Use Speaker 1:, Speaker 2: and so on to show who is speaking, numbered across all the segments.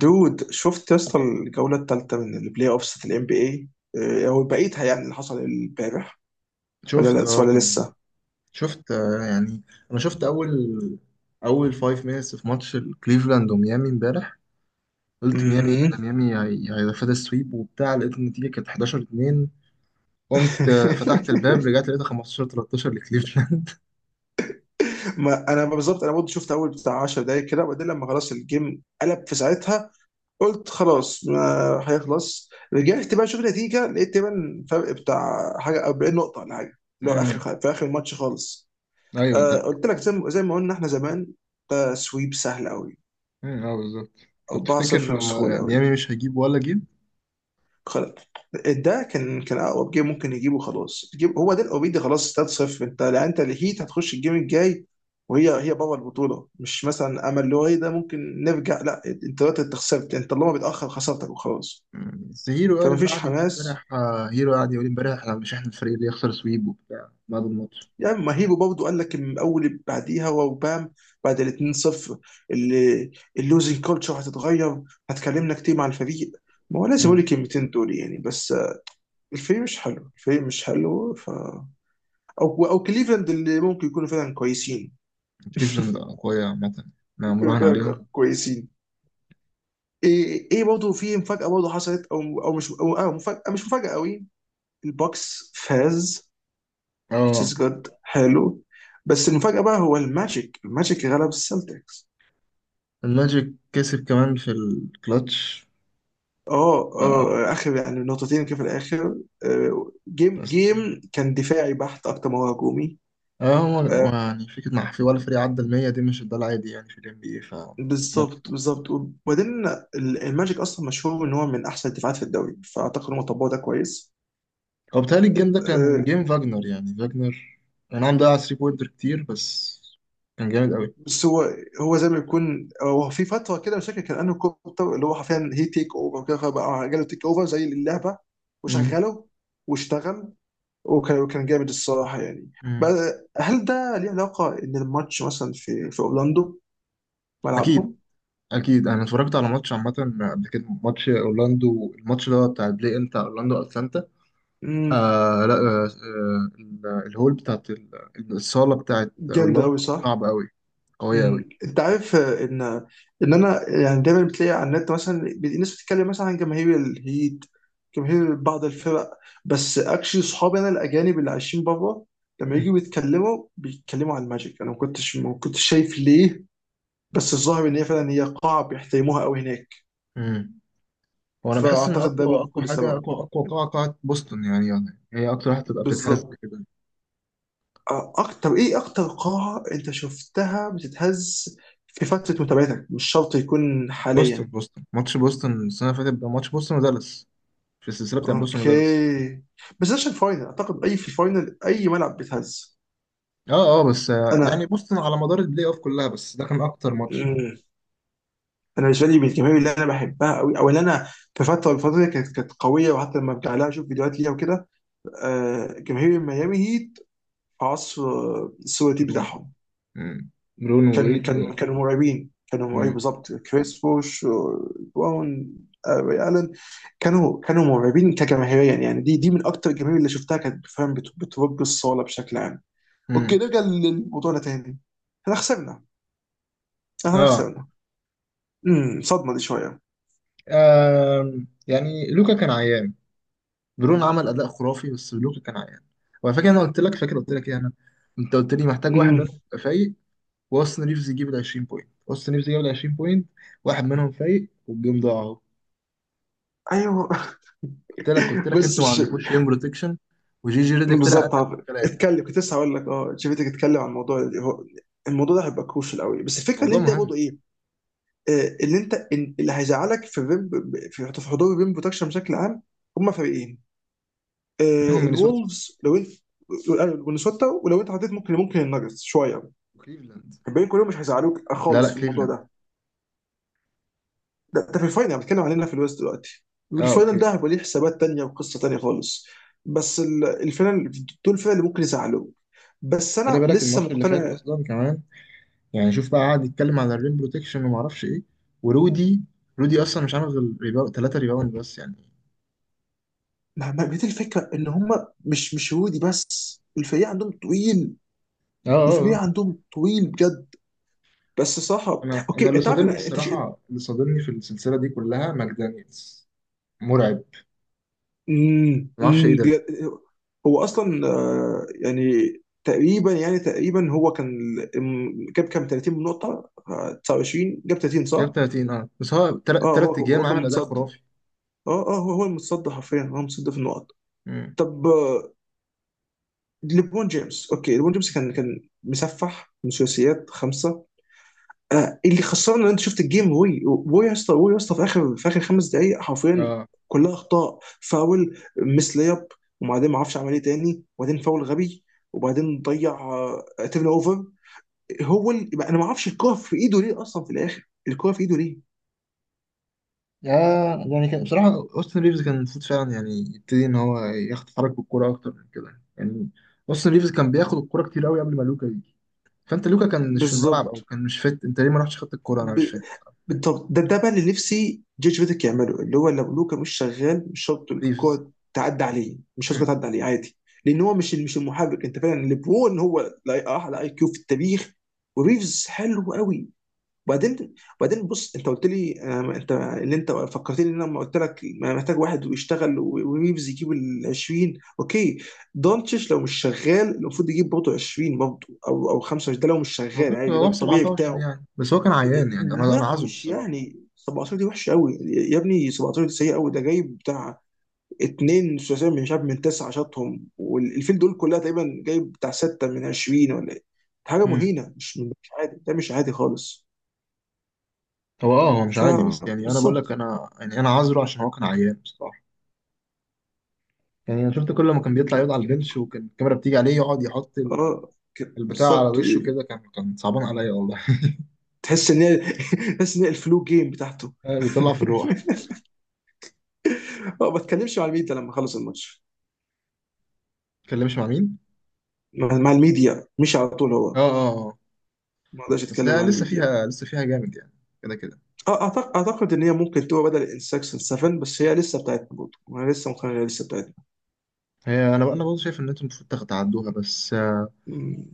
Speaker 1: دود شفت يا اسطى الجوله الثالثه من البلاي اوفس بتاعت الام بي اي او بقيتها؟ يعني اللي حصل امبارح. ولا
Speaker 2: شفت.
Speaker 1: لا
Speaker 2: اه
Speaker 1: ولا
Speaker 2: كان
Speaker 1: لسه
Speaker 2: شفت، يعني انا شفت اول 5 مينتس في ماتش كليفلاند وميامي امبارح. قلت ميامي إيه
Speaker 1: مهم.
Speaker 2: ده؟ ميامي هياخد السويب وبتاع. لقيت النتيجه كانت 11-2. قمت فتحت الباب رجعت لقيتها 15-13 لكليفلاند.
Speaker 1: ما انا بالظبط، انا برضه شفت اول بتاع 10 دقايق كده، وبعدين لما خلاص الجيم قلب في ساعتها قلت خلاص ما هيخلص. رجعت بقى اشوف النتيجه، لقيت تقريبا فرق بتاع حاجه 40 نقطه ولا حاجه، اللي هو
Speaker 2: امم
Speaker 1: اخر في اخر الماتش خالص.
Speaker 2: ايوه،
Speaker 1: آه
Speaker 2: طب.
Speaker 1: قلت لك زي ما قلنا احنا زمان، ده سويب سهل قوي.
Speaker 2: اه بالظبط. طب تفتكر
Speaker 1: 4-0 بسهوله قوي.
Speaker 2: ميامي مش هيجيب ولا جيب؟
Speaker 1: خلاص ده كان اقرب جيم ممكن يجيبه. خلاص تجيب هو ده اوريدي. خلاص 3-0، انت لا انت الهيت هتخش الجيم الجاي. وهي بابا البطوله، مش مثلا امل اللي هو ايه ده ممكن نرجع. لا انت دلوقتي انت خسرت، انت اللي هو بيتاخر خسرتك وخلاص.
Speaker 2: بس هيرو
Speaker 1: فما
Speaker 2: قال،
Speaker 1: فيش
Speaker 2: قاعد يقول
Speaker 1: حماس.
Speaker 2: امبارح، هيرو قاعد يقول امبارح احنا مش احنا الفريق اللي يخسر سويب وبتاع بعد الماتش.
Speaker 1: يعني ما هيبو برضه قال لك من اول اللي بعديها وبام، بعد ال 2-0 اللي اللوزنج كولتشر هتتغير. هتكلمنا كتير مع الفريق، ما هو لازم اقول
Speaker 2: مم.
Speaker 1: الكلمتين دول يعني. بس الفريق مش حلو، الفريق مش حلو. ف او كليفلاند اللي ممكن يكونوا فعلا كويسين.
Speaker 2: كليفلاند قوية عامة، ما
Speaker 1: يكونوا
Speaker 2: مراهن
Speaker 1: فعلا
Speaker 2: عليهم.
Speaker 1: كويسين. ايه برضه في مفاجاه برضه حصلت. او او مش او آه مفاجاه مش مفاجاه قوي. البوكس فاز، which
Speaker 2: اه
Speaker 1: is good، حلو. بس المفاجاه بقى هو الماجيك غلب السلتكس.
Speaker 2: الماجيك كسب كمان في الكلاتش.
Speaker 1: اه
Speaker 2: آه.
Speaker 1: اه اخر يعني نقطتين كده في الاخر. آه، جيم
Speaker 2: بس
Speaker 1: جيم كان دفاعي بحت اكتر ما هو هجومي.
Speaker 2: هو
Speaker 1: آه،
Speaker 2: يعني فكرة مع، في ولا فريق عدى المية دي؟ مش ده العادي يعني في ال NBA. ف ماتش
Speaker 1: بالظبط
Speaker 2: حلو.
Speaker 1: بالظبط. وبعدين ال- الماجيك اصلا مشهور ان هو من احسن الدفاعات في الدوري، فاعتقد هم طبقوا ده كويس.
Speaker 2: هو بيتهيألي الجيم ده كان
Speaker 1: آه،
Speaker 2: جيم فاجنر، يعني فاجنر أنا عم ضيع 3 بوينتر كتير، بس كان جامد قوي.
Speaker 1: بس هو زي ما يكون هو في فتره كده، مش فاكر كان انه كوبتر اللي هو حرفيا هي تيك اوفر وكده، فبقى جاله تيك اوفر زي اللعبه.
Speaker 2: مم.
Speaker 1: وشغله واشتغل، وكان جامد الصراحه يعني.
Speaker 2: مم.
Speaker 1: بقى- هل ده ليه علاقه ان الماتش مثلا في اورلاندو،
Speaker 2: أكيد.
Speaker 1: ملعبهم؟
Speaker 2: أكيد أنا اتفرجت على ماتش عامة قبل كده، ماتش أورلاندو، الماتش ده بتاع البلاي إن بتاع أورلاندو أتلانتا.
Speaker 1: امم،
Speaker 2: آه لا آه آه، الهول بتاعت الصالة بتاعت
Speaker 1: جامد
Speaker 2: أورلاندو
Speaker 1: قوي، صح؟
Speaker 2: صعب قوي، قوية أوي.
Speaker 1: مم. انت عارف آه، ان انا يعني دايما بتلاقي على النت، مثلا بي- ناس بتتكلم مثلا عن جماهير الهيت، جماهير بعض الفرق. بس اكشلي صحابي انا الاجانب اللي عايشين بره لما
Speaker 2: مم.
Speaker 1: يجوا بيتكلموا، بيتكلموا عن الماجيك، انا ما كنتش شايف ليه. بس الظاهر ان هي فعلا هي قاعه بيحترموها قوي هناك.
Speaker 2: مم. وأنا بحس إن
Speaker 1: فاعتقد ده
Speaker 2: أقوى
Speaker 1: ممكن
Speaker 2: أقوى
Speaker 1: يكون
Speaker 2: حاجة،
Speaker 1: سبب.
Speaker 2: أقوى أقوى قاعة، قاعة بوسطن، يعني هي أكتر واحدة تبقى بتتهز
Speaker 1: بالظبط.
Speaker 2: كده.
Speaker 1: آه، اكتر ايه، اكتر قاعه انت شفتها بتتهز في فتره متابعتك، مش شرط يكون
Speaker 2: بوسطن
Speaker 1: حاليا.
Speaker 2: بوسطن ماتش بوسطن السنة اللي فاتت بقى، ماتش بوسطن ودالاس في السلسلة بتاع بوسطن ودالاس.
Speaker 1: اوكي، بس ده عشان فاينل اعتقد. اي في الفاينل اي ملعب بيتهز.
Speaker 2: أه أه، بس يعني
Speaker 1: انا
Speaker 2: بوسطن على مدار البلاي أوف كلها، بس ده كان أكتر ماتش.
Speaker 1: مم. انا بالنسبه لي من الجماهير اللي انا بحبها قوي او اللي انا في فتره الفتره دي كانت قويه. وحتى لما برجع لها اشوف فيديوهات ليها وكده، آه جماهير ميامي هيت في عصر آه، السواتي
Speaker 2: برون.
Speaker 1: بتاعهم.
Speaker 2: مم. برون
Speaker 1: كان
Speaker 2: وويد و...
Speaker 1: كان كانوا مرعبين، كانوا مرعبين
Speaker 2: مم.
Speaker 1: بالظبط. كريس بوش وبراون، آه ري الن. كانوا مرعبين كجماهيريا يعني. دي من اكتر الجماهير اللي شفتها كانت فعلا بت- بترب الصاله بشكل عام. اوكي
Speaker 2: مم.
Speaker 1: نرجع للموضوعنا تاني. احنا خسرنا، احنا
Speaker 2: أه.
Speaker 1: خسرنا. امم، صدمه دي شويه.
Speaker 2: يعني لوكا كان عيان. برون عمل أداء خرافي، بس لوكا كان عيان. وعلى فكرة أنا قلت لك، فاكر قلت لك إيه أنا، أنت قلت لي محتاج واحد
Speaker 1: امم،
Speaker 2: منهم يبقى فايق، واستون ريفز يجيب ال 20 بوينت. واستون ريفز جاب ال 20 بوينت، واحد منهم فايق والجيم ضاع اهو.
Speaker 1: ايوه.
Speaker 2: قلت لك
Speaker 1: بس
Speaker 2: انتوا ما
Speaker 1: مش.
Speaker 2: عندكوش ريم بروتكشن، وجي جي ريدك طلع قال
Speaker 1: بالظبط
Speaker 2: لك
Speaker 1: عارف.
Speaker 2: الكلام.
Speaker 1: اتكلم، كنت لسه هقول لك، اه شفتك اتكلم عن الموضوع اللي هو، الموضوع ده هيبقى كروشال قوي. بس الفكره اللي
Speaker 2: موضوع
Speaker 1: انت
Speaker 2: مهم.
Speaker 1: برضه ايه، آه اللي انت إن- اللي هيزعلك في الريم، في حضور الريم بروتكشن بشكل عام، هم فريقين.
Speaker 2: منهم
Speaker 1: آه،
Speaker 2: مينيسوتا
Speaker 1: الولفز لو انت والنسوتا، ولو انت حطيت ممكن ممكن الناجتس شويه.
Speaker 2: وكليفلاند.
Speaker 1: الباقيين كلهم مش هيزعلوك
Speaker 2: لا،
Speaker 1: خالص في الموضوع
Speaker 2: كليفلاند.
Speaker 1: ده. ده في الفاينل، انا بتكلم علينا في الويست دلوقتي.
Speaker 2: اه،
Speaker 1: الفاينل
Speaker 2: اوكي.
Speaker 1: ده هيبقى ليه حسابات تانية وقصة تانية خالص. بس ال- الفاينل دول الفرق اللي ممكن يزعلوك. بس
Speaker 2: خلي
Speaker 1: انا
Speaker 2: بالك
Speaker 1: لسه
Speaker 2: الماتش اللي فات
Speaker 1: مقتنع،
Speaker 2: اصلا كمان، يعني شوف بقى قعد يتكلم على الريم بروتكشن وما اعرفش ايه. ورودي، رودي اصلا مش عامل غير ريباوند، ثلاثه ريباوند بس يعني.
Speaker 1: مع بقية الفكرة، ان هم مش هودي، بس الفريق عندهم طويل.
Speaker 2: اه
Speaker 1: الفريق
Speaker 2: آه.
Speaker 1: عندهم طويل بجد. بس صراحة
Speaker 2: انا
Speaker 1: اوكي
Speaker 2: اللي
Speaker 1: انت عارف
Speaker 2: صادمني
Speaker 1: انا انت ش...
Speaker 2: الصراحه، اللي صادمني في السلسله دي كلها ماك دانيels. مرعب.
Speaker 1: أمم،
Speaker 2: ما اعرفش ايه
Speaker 1: أمم،
Speaker 2: ده.
Speaker 1: بجد. هو اصلا آه، يعني تقريبا يعني تقريبا هو كان ال- م- جاب كام 30 نقطة، آه 29، جاب 30
Speaker 2: جاب
Speaker 1: صح؟
Speaker 2: 30، اه بس هو
Speaker 1: اه
Speaker 2: تلات
Speaker 1: هو
Speaker 2: ايام
Speaker 1: كان
Speaker 2: عمل اداء
Speaker 1: متصدر.
Speaker 2: خرافي.
Speaker 1: اه هو المتصدر حرفيا، هو متصدر في النقط.
Speaker 2: امم،
Speaker 1: طب آه، ليبرون جيمس، اوكي ليبرون جيمس كان مسفح من ثلاثيات خمسه. آه اللي خسرنا ان انت شفت الجيم، وي يا اسطى، وي يا اسطى، في اخر خمس دقائق حرفيا
Speaker 2: اه.
Speaker 1: كلها اخطاء. فاول مس لياب، وبعدين ما اعرفش عمل ايه تاني، وبعدين فاول غبي، وبعدين ضيع، تيرن اوفر. هو ال- انا ما اعرفش الكوره في ايده ليه اصلا في الاخر، الكوره في ايده ليه؟
Speaker 2: يا، يعني كان بصراحه اوستن ريفز كان المفروض فعلا يعني يبتدي ان هو يتحرك بالكوره اكتر من كده يعني. اوستن ريفز كان بياخد الكوره كتير قوي قبل ما لوكا يجي. فانت لوكا كان مش في الملعب او
Speaker 1: بالظبط.
Speaker 2: كان مش فت، انت ليه ما رحتش خدت الكوره؟ انا
Speaker 1: ب...
Speaker 2: مش فاهم.
Speaker 1: بالضبط، ده بقى اللي نفسي جورج فيديك يعمله. اللي هو لو لوكا مش شغال، مش شرط
Speaker 2: ريفز.
Speaker 1: الكوره تعدي عليه، مش شرط
Speaker 2: امم.
Speaker 1: الكرة تعدي عليه عادي. لان هو مش المحرك. انت فعلا ليبرون هو لا- اعلى اي كيو في التاريخ، وريفز حلو قوي. وبعدين، بص، انت قلت لي آه، انت اللي انت فكرتني ان انا لما قلت لك ما محتاج واحد ويشتغل و- وريفز يجيب ال 20. اوكي. دونتش لو مش شغال المفروض يجيب برضه 20 برضه، او 25، ده لو مش
Speaker 2: هو
Speaker 1: شغال
Speaker 2: جاب
Speaker 1: عادي، ده
Speaker 2: هو
Speaker 1: الطبيعي
Speaker 2: 17
Speaker 1: بتاعه.
Speaker 2: يعني، بس هو كان عيان يعني. انا
Speaker 1: لا
Speaker 2: عذره
Speaker 1: مش
Speaker 2: الصراحه.
Speaker 1: يعني 17 دي وحشه قوي يا ابني، 17 دي سيئه قوي. ده جايب بتاع اتنين ثلاثيه من شاب من تسعه شاطهم والفيل دول كلها تقريبا، جايب بتاع سته من 20 ولا ايه. حاجه
Speaker 2: امم.
Speaker 1: مهينه. مش عادي، ده مش عادي خالص.
Speaker 2: هو مش عادي، بس يعني انا بقول لك،
Speaker 1: فبالظبط.
Speaker 2: انا يعني انا عذره عشان هو كان عيان. يعني انا شفت كل ما كان بيطلع يقعد على البنش، وكان الكاميرا بتيجي عليه يقعد يحط
Speaker 1: اه كده،
Speaker 2: البتاع على
Speaker 1: بالظبط.
Speaker 2: وشه كده، كان كان صعبان عليا والله.
Speaker 1: تحس ان هي. تحس ان هي الفلو جيم بتاعته.
Speaker 2: بيطلع في الروح.
Speaker 1: اه، ما اتكلمش مع الميديا لما خلص الماتش،
Speaker 2: اتكلمش مع مين؟
Speaker 1: مع الميديا مش على طول
Speaker 2: اه
Speaker 1: هو.
Speaker 2: اه، آه.
Speaker 1: ما اقدرش
Speaker 2: بس
Speaker 1: اتكلم
Speaker 2: هي
Speaker 1: مع
Speaker 2: لسه
Speaker 1: الميديا.
Speaker 2: فيها، لسه فيها جامد يعني، كده كده.
Speaker 1: اعتقد ان هي ممكن تبقى بدل انسكشن 7، بس هي لسه بتاعتنا برضه. انا لسه مقتنع إنها لسه بتاعتنا.
Speaker 2: هي، انا برضه شايف ان انتم المفروض تعدوها، بس
Speaker 1: مم.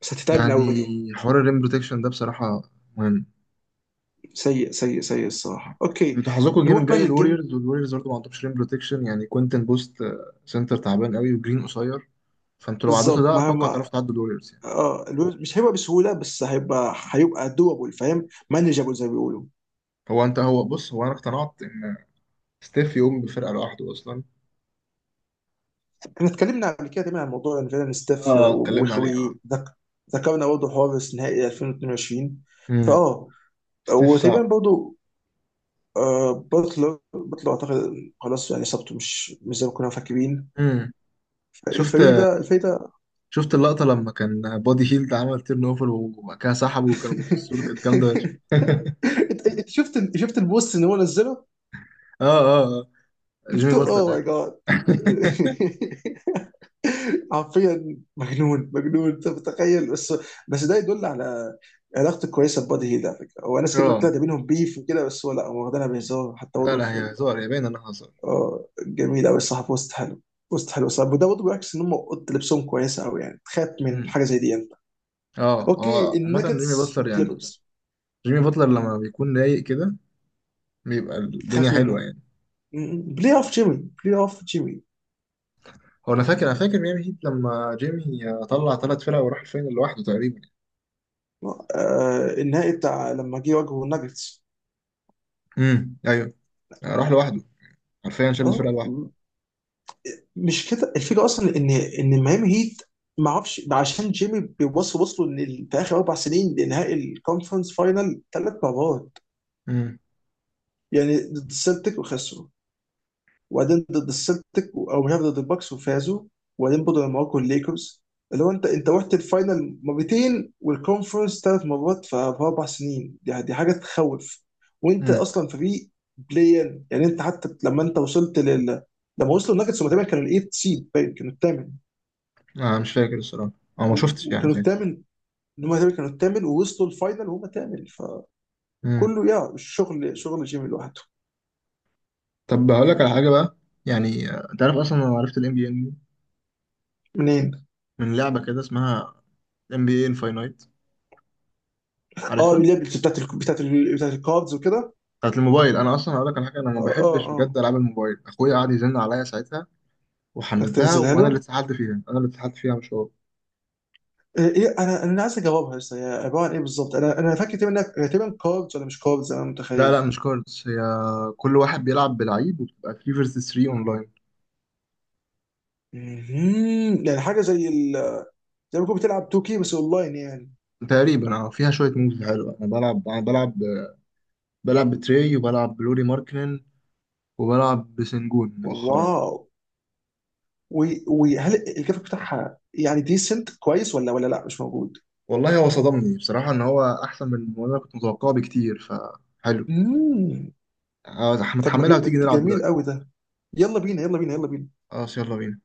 Speaker 1: بس هتتعبنا قوي
Speaker 2: يعني
Speaker 1: دي.
Speaker 2: حوار الريم بروتكشن ده بصراحه مهم.
Speaker 1: سيء سيء سيء الصراحه. اوكي
Speaker 2: انتوا حظكم الجيم
Speaker 1: نروح بقى
Speaker 2: الجاي
Speaker 1: للجيم.
Speaker 2: الوريورز، والوريورز برضه ما عندهمش ريم بروتكشن يعني، كوينتن بوست، سنتر تعبان قوي، وجرين قصير. فانتوا لو عديتوا
Speaker 1: بالظبط،
Speaker 2: ده
Speaker 1: ما
Speaker 2: اتوقع تعرفوا
Speaker 1: ما
Speaker 2: تعدوا الوريورز يعني.
Speaker 1: اه الويب- مش هيبقى بسهوله، بس هيبقى، دوبل فاهم مانجابل زي ما بيقولوا.
Speaker 2: هو انت هو بص هو انا اقتنعت ستيف يقوم بفرقة لوحده أصلا.
Speaker 1: احنا اتكلمنا قبل كده تقريبا عن موضوع ان فعلا ستيف
Speaker 2: اه اتكلمنا عليه اه.
Speaker 1: وخوي. ذكرنا برضه حوار نهائي 2022.
Speaker 2: امم.
Speaker 1: فاه،
Speaker 2: ستيف
Speaker 1: وتقريبا
Speaker 2: صعب.
Speaker 1: برضه آه بطلر اعتقد خلاص يعني اصابته مش زي ما كنا مفكرين.
Speaker 2: امم. شفت،
Speaker 1: الفريق ده.
Speaker 2: شفت اللقطة لما كان بودي هيلد عمل تيرن اوفر وبعد كده سحبه وكانوا بيبصوا له؟ كانت جامدة فشخ.
Speaker 1: انت شفت البوست اللي هو نزله.
Speaker 2: اه، جيمي
Speaker 1: شفته، اوه
Speaker 2: باتلر.
Speaker 1: ماي جاد. حرفيا مجنون، مجنون، انت متخيل؟ بس بس ده يدل على علاقته كويسه ببادي هيل على فكره. هو ناس كتير
Speaker 2: أيوة. اه.
Speaker 1: بتقول ده بينهم بيف وكده، بس هو لا هو واخدينها بهزار حتى
Speaker 2: لا
Speaker 1: برضه.
Speaker 2: لا هي هزار، هي باين انها هزار.
Speaker 1: اه جميل قوي الصراحه. بوست حلو، بوست حلو الصراحه. وده برضه بيعكس ان هم اوضه لبسهم كويسه قوي يعني، تخاف من
Speaker 2: امم.
Speaker 1: حاجه زي دي انت.
Speaker 2: اه
Speaker 1: اوكي
Speaker 2: اه عامة جيمي
Speaker 1: النكتس
Speaker 2: باتلر يعني،
Speaker 1: كليبرز.
Speaker 2: جيمي باتلر لما بيكون رايق كده بيبقى الدنيا
Speaker 1: تخاف
Speaker 2: حلوة
Speaker 1: منها.
Speaker 2: يعني.
Speaker 1: م- بلاي اوف جيمي، بلاي اوف جيمي.
Speaker 2: هو انا فاكر ميامي هيت لما جيمي طلع ثلاث فرق وراح الفاينل لوحده تقريبا.
Speaker 1: آه النهائي بتاع لما جه واجهه الناجتس.
Speaker 2: امم، ايوه. راح لوحده. حرفيا شالت
Speaker 1: اه
Speaker 2: فرقه لوحدها.
Speaker 1: م- مش كده الفكره اصلا ان ميامي هيت، ما اعرفش عشان جيمي بيوصل، وصلوا ان ال- في اخر اربع سنين لنهائي الكونفرنس فاينل ثلاث مرات.
Speaker 2: امم.
Speaker 1: يعني ضد السلتيك وخسروا، وبعدين ضد السلتيك او مش عارف ضد الباكس وفازوا. وبعدين برضه لما واجهوا الليكرز، اللي هو انت، انت رحت الفاينل مرتين والكونفرنس ثلاث مرات ف- في اربع سنين. دي حاجه تخوف. وانت
Speaker 2: امم.
Speaker 1: اصلا فريق بلاين يعني. انت حتى لما انت وصلت لل، لما وصلوا الناجتس هم تقريبا كانوا الايت سيد باين، كانوا الثامن.
Speaker 2: انا مش فاكر الصراحه، او ما
Speaker 1: و-
Speaker 2: شفتش يعني
Speaker 1: وكانوا
Speaker 2: ساعتها.
Speaker 1: الثامن. هم تقريبا كانوا الثامن، ووصلوا الفاينل وهم ثامن.
Speaker 2: امم.
Speaker 1: فكله يا شغل، شغل جيمي لوحده.
Speaker 2: طب هقول لك على حاجه بقى، يعني تعرف اصلا انا عرفت الام بي ان
Speaker 1: منين؟
Speaker 2: من لعبه كده اسمها ام بي اي انفاينايت،
Speaker 1: اه
Speaker 2: عارفها؟
Speaker 1: اللي هي بتاعت ال- بتاعت ال- بتاعت الكاردز وكده.
Speaker 2: بتاعت الموبايل. انا اصلا هقول لك على حاجه، انا ما
Speaker 1: اه اه
Speaker 2: بحبش بجد
Speaker 1: اه.
Speaker 2: العاب الموبايل، اخويا قعد يزن عليا ساعتها
Speaker 1: بدك
Speaker 2: وحملتها،
Speaker 1: تنزلها
Speaker 2: وانا اللي
Speaker 1: له.
Speaker 2: اتسحلت فيها، انا اللي اتسحلت فيها مش هو.
Speaker 1: إيه إيه، انا عايز اجاوبها. لسه هي عباره عن ايه بالظبط؟ انا فاكر تقريبا إنها- هي تقريبا كاردز ولا مش كاردز، انا
Speaker 2: لا،
Speaker 1: متخيل.
Speaker 2: مش كاردز، هي كل واحد بيلعب بلعيب وبتبقى 3 فيرسز 3 اونلاين.
Speaker 1: مهم. يعني حاجه زي ال... زي ما تكون بتلعب 2K بس اونلاين يعني.
Speaker 2: تقريبا اه، فيها شويه موves حلوه. انا بلعب بتري، وبلعب بلوري ماركنن، وبلعب بسنجون مؤخرا.
Speaker 1: واو. وي- وهل الجرافيك بتاعها يعني ديسنت كويس ولا لا مش موجود.
Speaker 2: والله هو صدمني بصراحة إن هو أحسن من ما أنا كنت متوقعه بكتير، فحلو.
Speaker 1: مم. طب ما
Speaker 2: متحملها وتيجي
Speaker 1: جي-
Speaker 2: نلعب
Speaker 1: جميل
Speaker 2: دلوقتي؟
Speaker 1: قوي ده. يلا بينا، يلا بينا، يلا بينا.
Speaker 2: خلاص يلا بينا.